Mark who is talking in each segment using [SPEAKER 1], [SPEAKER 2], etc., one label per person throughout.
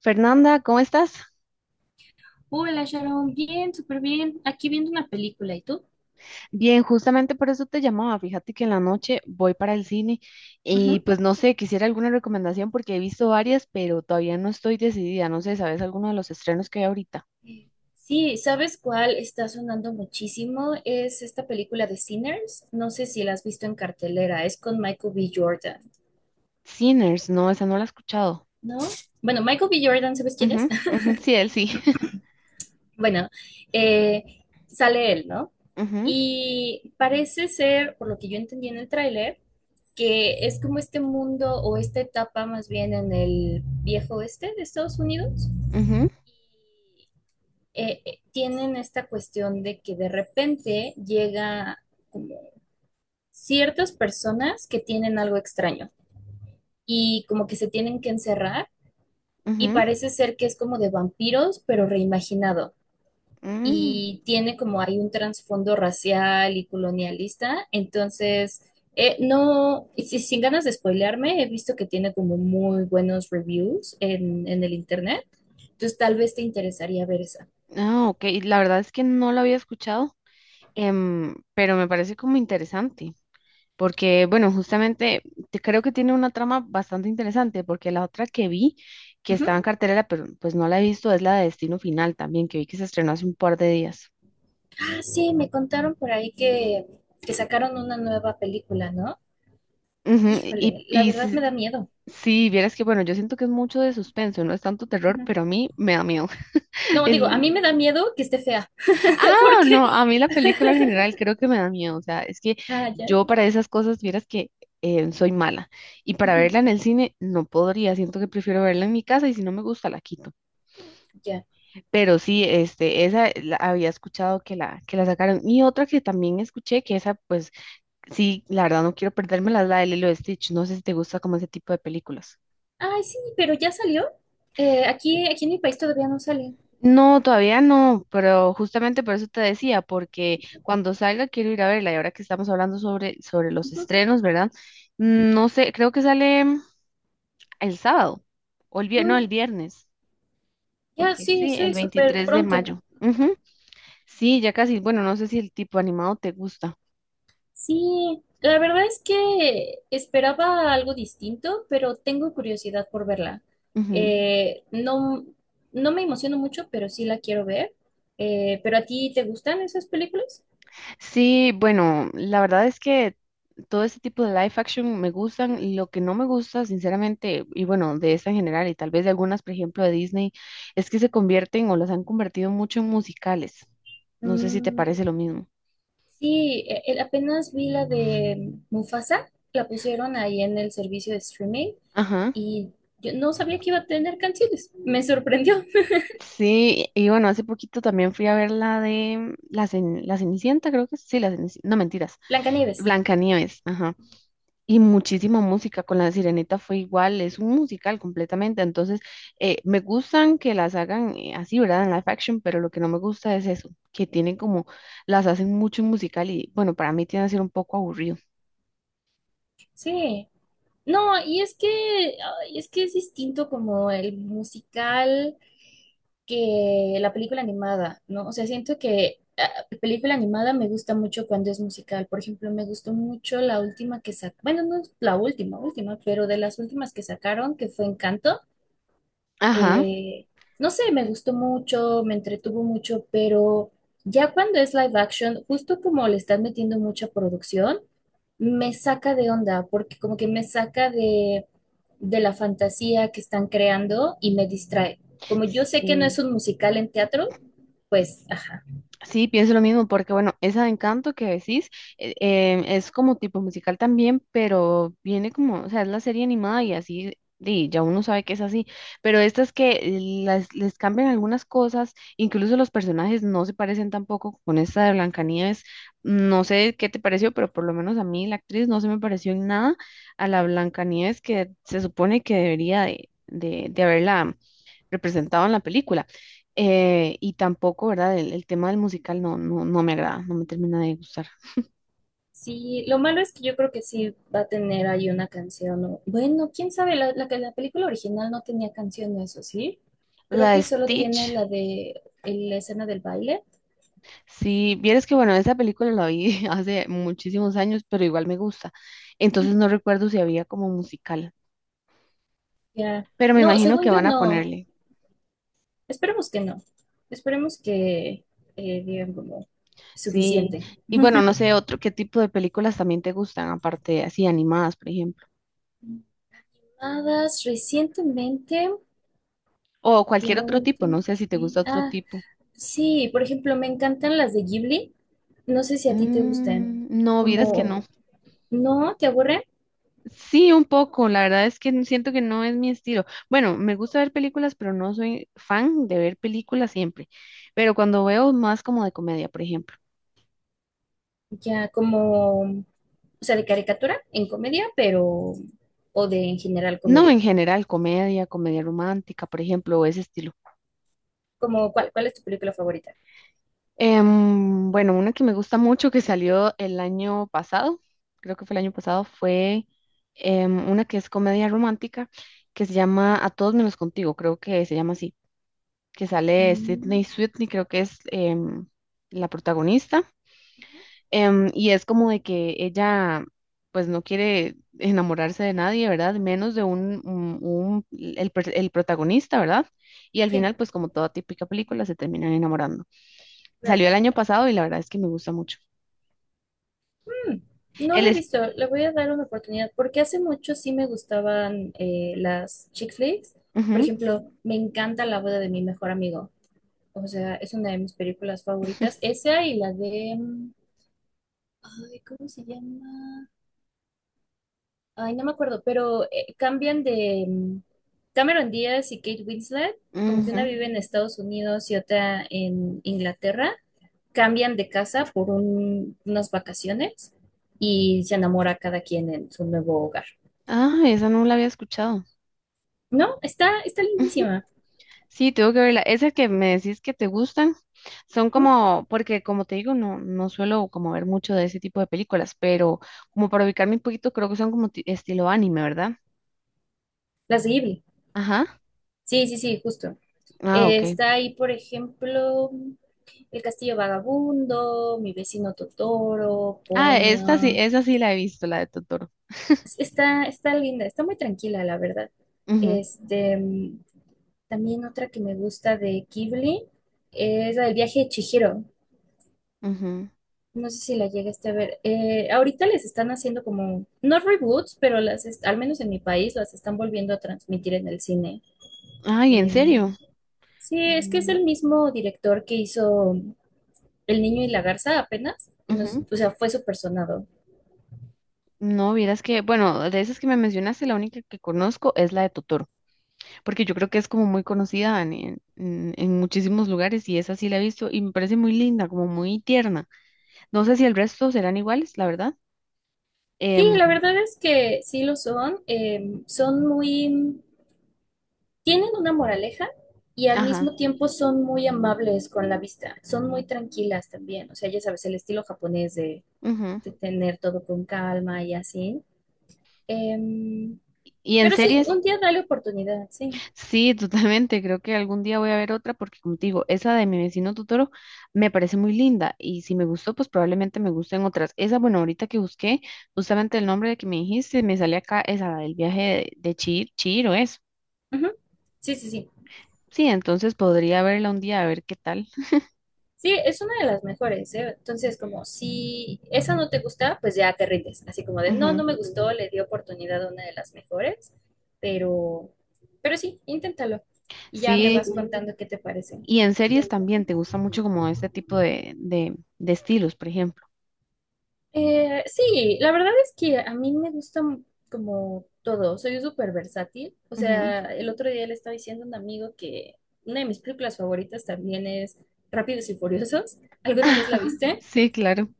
[SPEAKER 1] Fernanda, ¿cómo estás?
[SPEAKER 2] Hola Sharon, bien, súper bien. Aquí viendo una película, ¿y tú?
[SPEAKER 1] Bien, justamente por eso te llamaba. Fíjate que en la noche voy para el cine y
[SPEAKER 2] Ujú.
[SPEAKER 1] pues no sé, quisiera alguna recomendación porque he visto varias, pero todavía no estoy decidida. No sé, ¿sabes alguno de los estrenos que hay ahorita?
[SPEAKER 2] Sí, ¿sabes cuál está sonando muchísimo? Es esta película de Sinners. No sé si la has visto en cartelera. Es con Michael B. Jordan,
[SPEAKER 1] Sinners, no, esa no la he escuchado.
[SPEAKER 2] ¿no? Bueno, Michael B. Jordan, ¿sabes quién es?
[SPEAKER 1] Ujú, ujú, sí, él sí.
[SPEAKER 2] Bueno, sale él, ¿no?
[SPEAKER 1] Ujú,
[SPEAKER 2] Y parece ser, por lo que yo entendí en el tráiler, que es como este mundo o esta etapa más bien en el viejo oeste de Estados Unidos.
[SPEAKER 1] ujú,
[SPEAKER 2] Tienen esta cuestión de que de repente llega como ciertas personas que tienen algo extraño y como que se tienen que encerrar, y parece ser que es como de vampiros, pero reimaginado.
[SPEAKER 1] ujú, mm.
[SPEAKER 2] Y tiene, como hay un trasfondo racial y colonialista, entonces… no, y sin ganas de spoilearme, he visto que tiene como muy buenos reviews en el internet, entonces tal vez te interesaría ver esa.
[SPEAKER 1] Ah, ok, la verdad es que no la había escuchado, pero me parece como interesante. Porque, bueno, justamente creo que tiene una trama bastante interesante, porque la otra que vi, que estaba en cartelera, pero pues no la he visto, es la de Destino Final también, que vi que se estrenó hace un par de días.
[SPEAKER 2] Sí, me contaron por ahí que sacaron una nueva película, ¿no?
[SPEAKER 1] Ujú.
[SPEAKER 2] Híjole, la
[SPEAKER 1] Y
[SPEAKER 2] verdad
[SPEAKER 1] si,
[SPEAKER 2] me da miedo.
[SPEAKER 1] si vieras que, bueno, yo siento que es mucho de suspenso, no es tanto terror,
[SPEAKER 2] Ujú.
[SPEAKER 1] pero a mí me da miedo.
[SPEAKER 2] No, digo, a
[SPEAKER 1] El...
[SPEAKER 2] mí me da miedo que esté fea,
[SPEAKER 1] Ah,
[SPEAKER 2] porque…
[SPEAKER 1] no, a mí la película en general creo que me da miedo. O sea, es que
[SPEAKER 2] Ah, ya.
[SPEAKER 1] yo para esas cosas, vieras que soy mala. Y para
[SPEAKER 2] Ujú,
[SPEAKER 1] verla en el cine no podría, siento que prefiero verla en mi casa y si no me gusta la quito.
[SPEAKER 2] ya.
[SPEAKER 1] Pero sí, este, había escuchado que la sacaron. Y otra que también escuché, que esa, pues, sí, la verdad no quiero perdérmela, es la de Lilo y Stitch. No sé si te gusta como ese tipo de películas.
[SPEAKER 2] Ay, sí, pero ya salió. Aquí, aquí en mi país todavía no sale.
[SPEAKER 1] No, todavía no, pero justamente por eso te decía, porque cuando salga quiero ir a verla. Y ahora que estamos hablando sobre, sobre los
[SPEAKER 2] Ujú.
[SPEAKER 1] estrenos, ¿verdad? No sé, creo que sale el sábado, o el viernes, no,
[SPEAKER 2] Mm,
[SPEAKER 1] el viernes,
[SPEAKER 2] ya,
[SPEAKER 1] porque
[SPEAKER 2] sí,
[SPEAKER 1] sí, el
[SPEAKER 2] sí, súper
[SPEAKER 1] 23 de
[SPEAKER 2] pronto.
[SPEAKER 1] mayo. Ujú. Sí, ya casi, bueno, no sé si el tipo animado te gusta.
[SPEAKER 2] Sí, la verdad es que esperaba algo distinto, pero tengo curiosidad por verla.
[SPEAKER 1] Ujú.
[SPEAKER 2] No, no me emociono mucho, pero sí la quiero ver. ¿Pero a ti te gustan esas películas?
[SPEAKER 1] Sí, bueno, la verdad es que todo ese tipo de live action me gustan. Lo que no me gusta, sinceramente, y bueno, de esta en general, y tal vez de algunas, por ejemplo, de Disney, es que se convierten o las han convertido mucho en musicales. No sé si te
[SPEAKER 2] Mm,
[SPEAKER 1] parece lo mismo.
[SPEAKER 2] sí, apenas vi la de Mufasa, la pusieron ahí en el servicio de streaming
[SPEAKER 1] Ajá.
[SPEAKER 2] y yo no sabía que iba a tener canciones. Me sorprendió.
[SPEAKER 1] Sí, y bueno, hace poquito también fui a ver la de la Cenicienta, creo que es. Sí, la Cenicienta, no mentiras,
[SPEAKER 2] Blancanieves.
[SPEAKER 1] Blancanieves, ajá. Y muchísima música, con La Sirenita fue igual, es un musical completamente, entonces me gustan que las hagan así, ¿verdad? En live action, pero lo que no me gusta es eso, que tienen como, las hacen mucho en musical y bueno, para mí tiene que ser un poco aburrido.
[SPEAKER 2] Sí. No, y es que, ay, es que es distinto como el musical, que la película animada, ¿no? O sea, siento que película animada me gusta mucho cuando es musical. Por ejemplo, me gustó mucho la última que sacaron, bueno, no es la última, última, pero de las últimas que sacaron, que fue Encanto.
[SPEAKER 1] Ajá.
[SPEAKER 2] Eh, no sé, me gustó mucho, me entretuvo mucho, pero ya cuando es live action, justo como le están metiendo mucha producción, me saca de onda, porque como que me saca de la fantasía que están creando y me distrae. Como yo sé que no es
[SPEAKER 1] Sí.
[SPEAKER 2] un musical en teatro, pues, ajá.
[SPEAKER 1] Sí, pienso lo mismo, porque bueno, esa de Encanto que decís es como tipo musical también, pero viene como, o sea, es la serie animada y así, y ya uno sabe que es así, pero estas que las, les cambian algunas cosas, incluso los personajes no se parecen tampoco con esta de Blancanieves, no sé qué te pareció, pero por lo menos a mí la actriz no se me pareció en nada a la Blancanieves que se supone que debería de haberla representado en la película. Y tampoco, ¿verdad? El tema del musical no, no, no me agrada, no me termina de gustar.
[SPEAKER 2] Sí, lo malo es que yo creo que sí va a tener ahí una canción. Bueno, quién sabe, la película original no tenía canción, eso sí. Creo
[SPEAKER 1] La de
[SPEAKER 2] que solo tiene
[SPEAKER 1] Stitch,
[SPEAKER 2] la de la escena del baile.
[SPEAKER 1] si vieres que, bueno, esa película la vi hace muchísimos años, pero igual me gusta. Entonces
[SPEAKER 2] Ujú.
[SPEAKER 1] no recuerdo si había como musical,
[SPEAKER 2] Ya.
[SPEAKER 1] pero me
[SPEAKER 2] No,
[SPEAKER 1] imagino
[SPEAKER 2] según
[SPEAKER 1] que
[SPEAKER 2] yo
[SPEAKER 1] van a
[SPEAKER 2] no.
[SPEAKER 1] ponerle.
[SPEAKER 2] Esperemos que no. Esperemos que digan como
[SPEAKER 1] Sí,
[SPEAKER 2] suficiente.
[SPEAKER 1] y bueno, no sé, otro, ¿qué tipo de películas también te gustan, aparte así animadas, por ejemplo?
[SPEAKER 2] Animadas recientemente,
[SPEAKER 1] O cualquier
[SPEAKER 2] la
[SPEAKER 1] otro tipo,
[SPEAKER 2] última
[SPEAKER 1] no sé
[SPEAKER 2] que
[SPEAKER 1] si te gusta
[SPEAKER 2] vi.
[SPEAKER 1] otro
[SPEAKER 2] Ah,
[SPEAKER 1] tipo.
[SPEAKER 2] sí, por ejemplo, me encantan las de Ghibli. No sé si a ti te gustan.
[SPEAKER 1] Mm, no, vieras que
[SPEAKER 2] Como,
[SPEAKER 1] no.
[SPEAKER 2] ¿no te aburren?
[SPEAKER 1] Sí, un poco. La verdad es que siento que no es mi estilo. Bueno, me gusta ver películas, pero no soy fan de ver películas siempre. Pero cuando veo más como de comedia, por ejemplo.
[SPEAKER 2] Ya como, o sea, de caricatura en comedia, pero, o de en general
[SPEAKER 1] No en
[SPEAKER 2] comedia.
[SPEAKER 1] general, comedia, comedia romántica, por ejemplo, o ese estilo.
[SPEAKER 2] Como, ¿cuál, cuál es tu película favorita?
[SPEAKER 1] Bueno, una que me gusta mucho que salió el año pasado, creo que fue el año pasado, fue una que es comedia romántica que se llama A todos menos contigo, creo que se llama así, que sale
[SPEAKER 2] Mm,
[SPEAKER 1] Sydney Sweeney, creo que es la protagonista.
[SPEAKER 2] ujú.
[SPEAKER 1] Y es como de que ella, pues no quiere enamorarse de nadie, ¿verdad? Menos de el protagonista, ¿verdad? Y al final,
[SPEAKER 2] Sí,
[SPEAKER 1] pues como toda típica película, se terminan enamorando.
[SPEAKER 2] claro.
[SPEAKER 1] Salió el año pasado y la verdad es que me gusta mucho.
[SPEAKER 2] Mm, no
[SPEAKER 1] Él
[SPEAKER 2] la he
[SPEAKER 1] es...
[SPEAKER 2] visto, le voy a dar una oportunidad, porque hace mucho sí me gustaban, las chick flicks. Por
[SPEAKER 1] Ujú,
[SPEAKER 2] ejemplo, me encanta La boda de mi mejor amigo. O sea, es una de mis películas favoritas. Esa y la de… mm, ay, ¿cómo se llama? Ay, no me acuerdo, pero cambian de… mm, Cameron Díaz y Kate Winslet, como que una
[SPEAKER 1] ujú.
[SPEAKER 2] vive en Estados Unidos y otra en Inglaterra, cambian de casa por unas vacaciones y se enamora cada quien en su nuevo hogar.
[SPEAKER 1] Ah, esa no la había escuchado.
[SPEAKER 2] No, está, está
[SPEAKER 1] Ujú.
[SPEAKER 2] lindísima.
[SPEAKER 1] Sí, tengo que verla. Esas que me decís que te gustan son
[SPEAKER 2] Ujú.
[SPEAKER 1] como, porque como te digo, no, no suelo como ver mucho de ese tipo de películas, pero como para ubicarme un poquito, creo que son como estilo anime, ¿verdad?
[SPEAKER 2] Las de Ghibli.
[SPEAKER 1] Ajá.
[SPEAKER 2] Sí, sí, sí, justo.
[SPEAKER 1] Ah, ok.
[SPEAKER 2] Está ahí, por ejemplo, El Castillo Vagabundo, Mi vecino Totoro,
[SPEAKER 1] Ah, esta sí,
[SPEAKER 2] Ponyo.
[SPEAKER 1] esa sí la he visto, la de Totoro.
[SPEAKER 2] Está, está linda, está muy tranquila, la verdad.
[SPEAKER 1] Ujú,
[SPEAKER 2] Este, mm, también otra que me gusta de Ghibli es la del viaje de Chihiro.
[SPEAKER 1] ujú.
[SPEAKER 2] No sé si la llegaste a ver. Ahorita les están haciendo como, no reboots, pero al menos en mi país, las están volviendo a transmitir en el cine.
[SPEAKER 1] Ay, ¿en
[SPEAKER 2] Em,
[SPEAKER 1] serio?
[SPEAKER 2] Sí, es que es
[SPEAKER 1] Mm,
[SPEAKER 2] el mismo director que hizo El niño y la garza apenas, y nos,
[SPEAKER 1] ujú.
[SPEAKER 2] o sea, fue súper sonado.
[SPEAKER 1] No, vieras que, bueno, de esas que me mencionaste, la única que conozco es la de Totoro, porque yo creo que es como muy conocida en, en muchísimos lugares y esa sí la he visto y me parece muy linda, como muy tierna. No sé si el resto serán iguales, la verdad.
[SPEAKER 2] Sí, la
[SPEAKER 1] Em,
[SPEAKER 2] verdad es que sí lo son. Son muy, tienen una moraleja y al
[SPEAKER 1] ajá.
[SPEAKER 2] mismo tiempo son muy amables con la vista. Son muy tranquilas también. O sea, ya sabes, el estilo japonés
[SPEAKER 1] Ujú.
[SPEAKER 2] de tener todo con calma y así. Em,
[SPEAKER 1] Y en
[SPEAKER 2] pero sí,
[SPEAKER 1] series,
[SPEAKER 2] un día dale oportunidad, sí.
[SPEAKER 1] sí, totalmente. Creo que algún día voy a ver otra porque, como te digo, esa de mi vecino Totoro me parece muy linda y si me gustó, pues probablemente me gusten otras. Esa, bueno, ahorita que busqué, justamente el nombre de que me dijiste, me sale acá, esa, del viaje de, Chir, Chihiro es.
[SPEAKER 2] Ujú. Sí, sí, sí.
[SPEAKER 1] Sí, entonces podría verla un día a ver qué tal.
[SPEAKER 2] Sí, es una de las mejores, ¿eh? Entonces, como si esa no te gusta, pues ya te rindes. Así como de, no, no
[SPEAKER 1] Ujú.
[SPEAKER 2] me gustó, le di oportunidad a una de las mejores, pero, pero sí, inténtalo. Y ya me vas
[SPEAKER 1] Sí,
[SPEAKER 2] contando qué te parece.
[SPEAKER 1] y en series también te gusta mucho como este tipo de estilos, por ejemplo.
[SPEAKER 2] Sí, la verdad es que a mí me gusta como todo, soy súper versátil. O
[SPEAKER 1] Ujú.
[SPEAKER 2] sea, el otro día le estaba diciendo a un amigo que una de mis películas favoritas también es Rápidos y Furiosos. ¿Alguna vez la viste?
[SPEAKER 1] Sí, claro.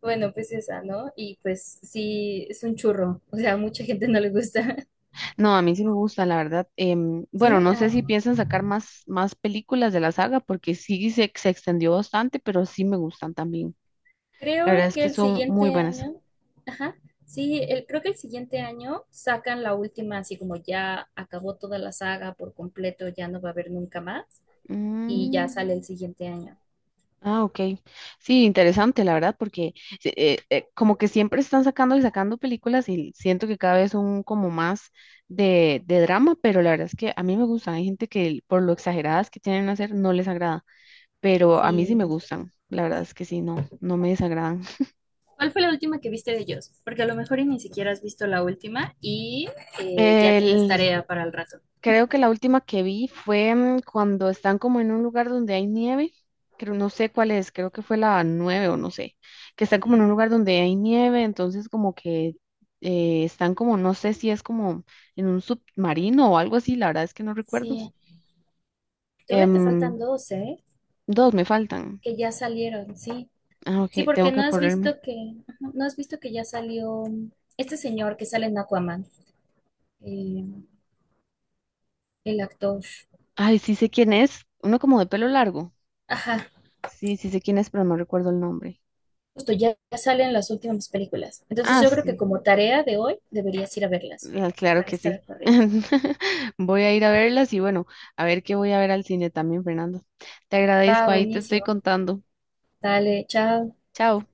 [SPEAKER 2] Bueno, pues esa, ¿no? Y pues sí, es un churro, o sea, a mucha gente no le gusta.
[SPEAKER 1] No, a mí sí me gusta, la verdad. Bueno,
[SPEAKER 2] Sí,
[SPEAKER 1] no sé
[SPEAKER 2] ah,
[SPEAKER 1] si piensan sacar más, más películas de la saga, porque sí se extendió bastante, pero sí me gustan también. La verdad
[SPEAKER 2] creo
[SPEAKER 1] es
[SPEAKER 2] que
[SPEAKER 1] que
[SPEAKER 2] el
[SPEAKER 1] son muy
[SPEAKER 2] siguiente
[SPEAKER 1] buenas.
[SPEAKER 2] año, ajá, sí, creo que el siguiente año sacan la última, así como ya acabó toda la saga por completo, ya no va a haber nunca más, y ya
[SPEAKER 1] Mm,
[SPEAKER 2] sale el siguiente año.
[SPEAKER 1] ah, ok. Sí, interesante, la verdad, porque como que siempre están sacando y sacando películas y siento que cada vez son como más de drama, pero la verdad es que a mí me gustan. Hay gente que por lo exageradas que tienen a hacer no les agrada, pero a mí sí
[SPEAKER 2] Sí.
[SPEAKER 1] me gustan. La verdad es que sí, no, no me desagradan.
[SPEAKER 2] ¿Cuál fue la última que viste de ellos? Porque a lo mejor y ni siquiera has visto la última y ya tienes
[SPEAKER 1] El,
[SPEAKER 2] tarea para el rato.
[SPEAKER 1] creo que la última que vi fue cuando están como en un lugar donde hay nieve, creo, no sé cuál es, creo que fue la nueve o no sé, que están como en
[SPEAKER 2] Sí,
[SPEAKER 1] un lugar donde hay nieve, entonces como que están como, no sé si es como en un submarino o algo así, la verdad es que no recuerdo.
[SPEAKER 2] sí. Todavía te
[SPEAKER 1] Em,
[SPEAKER 2] faltan dos, ¿eh?
[SPEAKER 1] dos me faltan.
[SPEAKER 2] Que ya salieron, sí.
[SPEAKER 1] Ah,
[SPEAKER 2] Sí,
[SPEAKER 1] ok,
[SPEAKER 2] porque
[SPEAKER 1] tengo que
[SPEAKER 2] no has
[SPEAKER 1] acorrerme.
[SPEAKER 2] visto que, ajá, no has visto que ya salió este señor que sale en Aquaman, eh, el actor.
[SPEAKER 1] Ay, sí sé quién es, uno como de pelo largo.
[SPEAKER 2] Ajá,
[SPEAKER 1] Sí, sí sé quién es, pero no recuerdo el nombre.
[SPEAKER 2] justo ya, ya salen las últimas películas. Entonces
[SPEAKER 1] Ah,
[SPEAKER 2] yo creo que
[SPEAKER 1] sí.
[SPEAKER 2] como tarea de hoy deberías ir a verlas
[SPEAKER 1] Ah, claro
[SPEAKER 2] para
[SPEAKER 1] que
[SPEAKER 2] estar
[SPEAKER 1] sí.
[SPEAKER 2] al corriente.
[SPEAKER 1] Voy a ir a verlas y bueno, a ver qué voy a ver al cine también, Fernando. Te
[SPEAKER 2] Va,
[SPEAKER 1] agradezco, ahí te estoy
[SPEAKER 2] buenísimo.
[SPEAKER 1] contando.
[SPEAKER 2] Dale, chao.
[SPEAKER 1] Chao.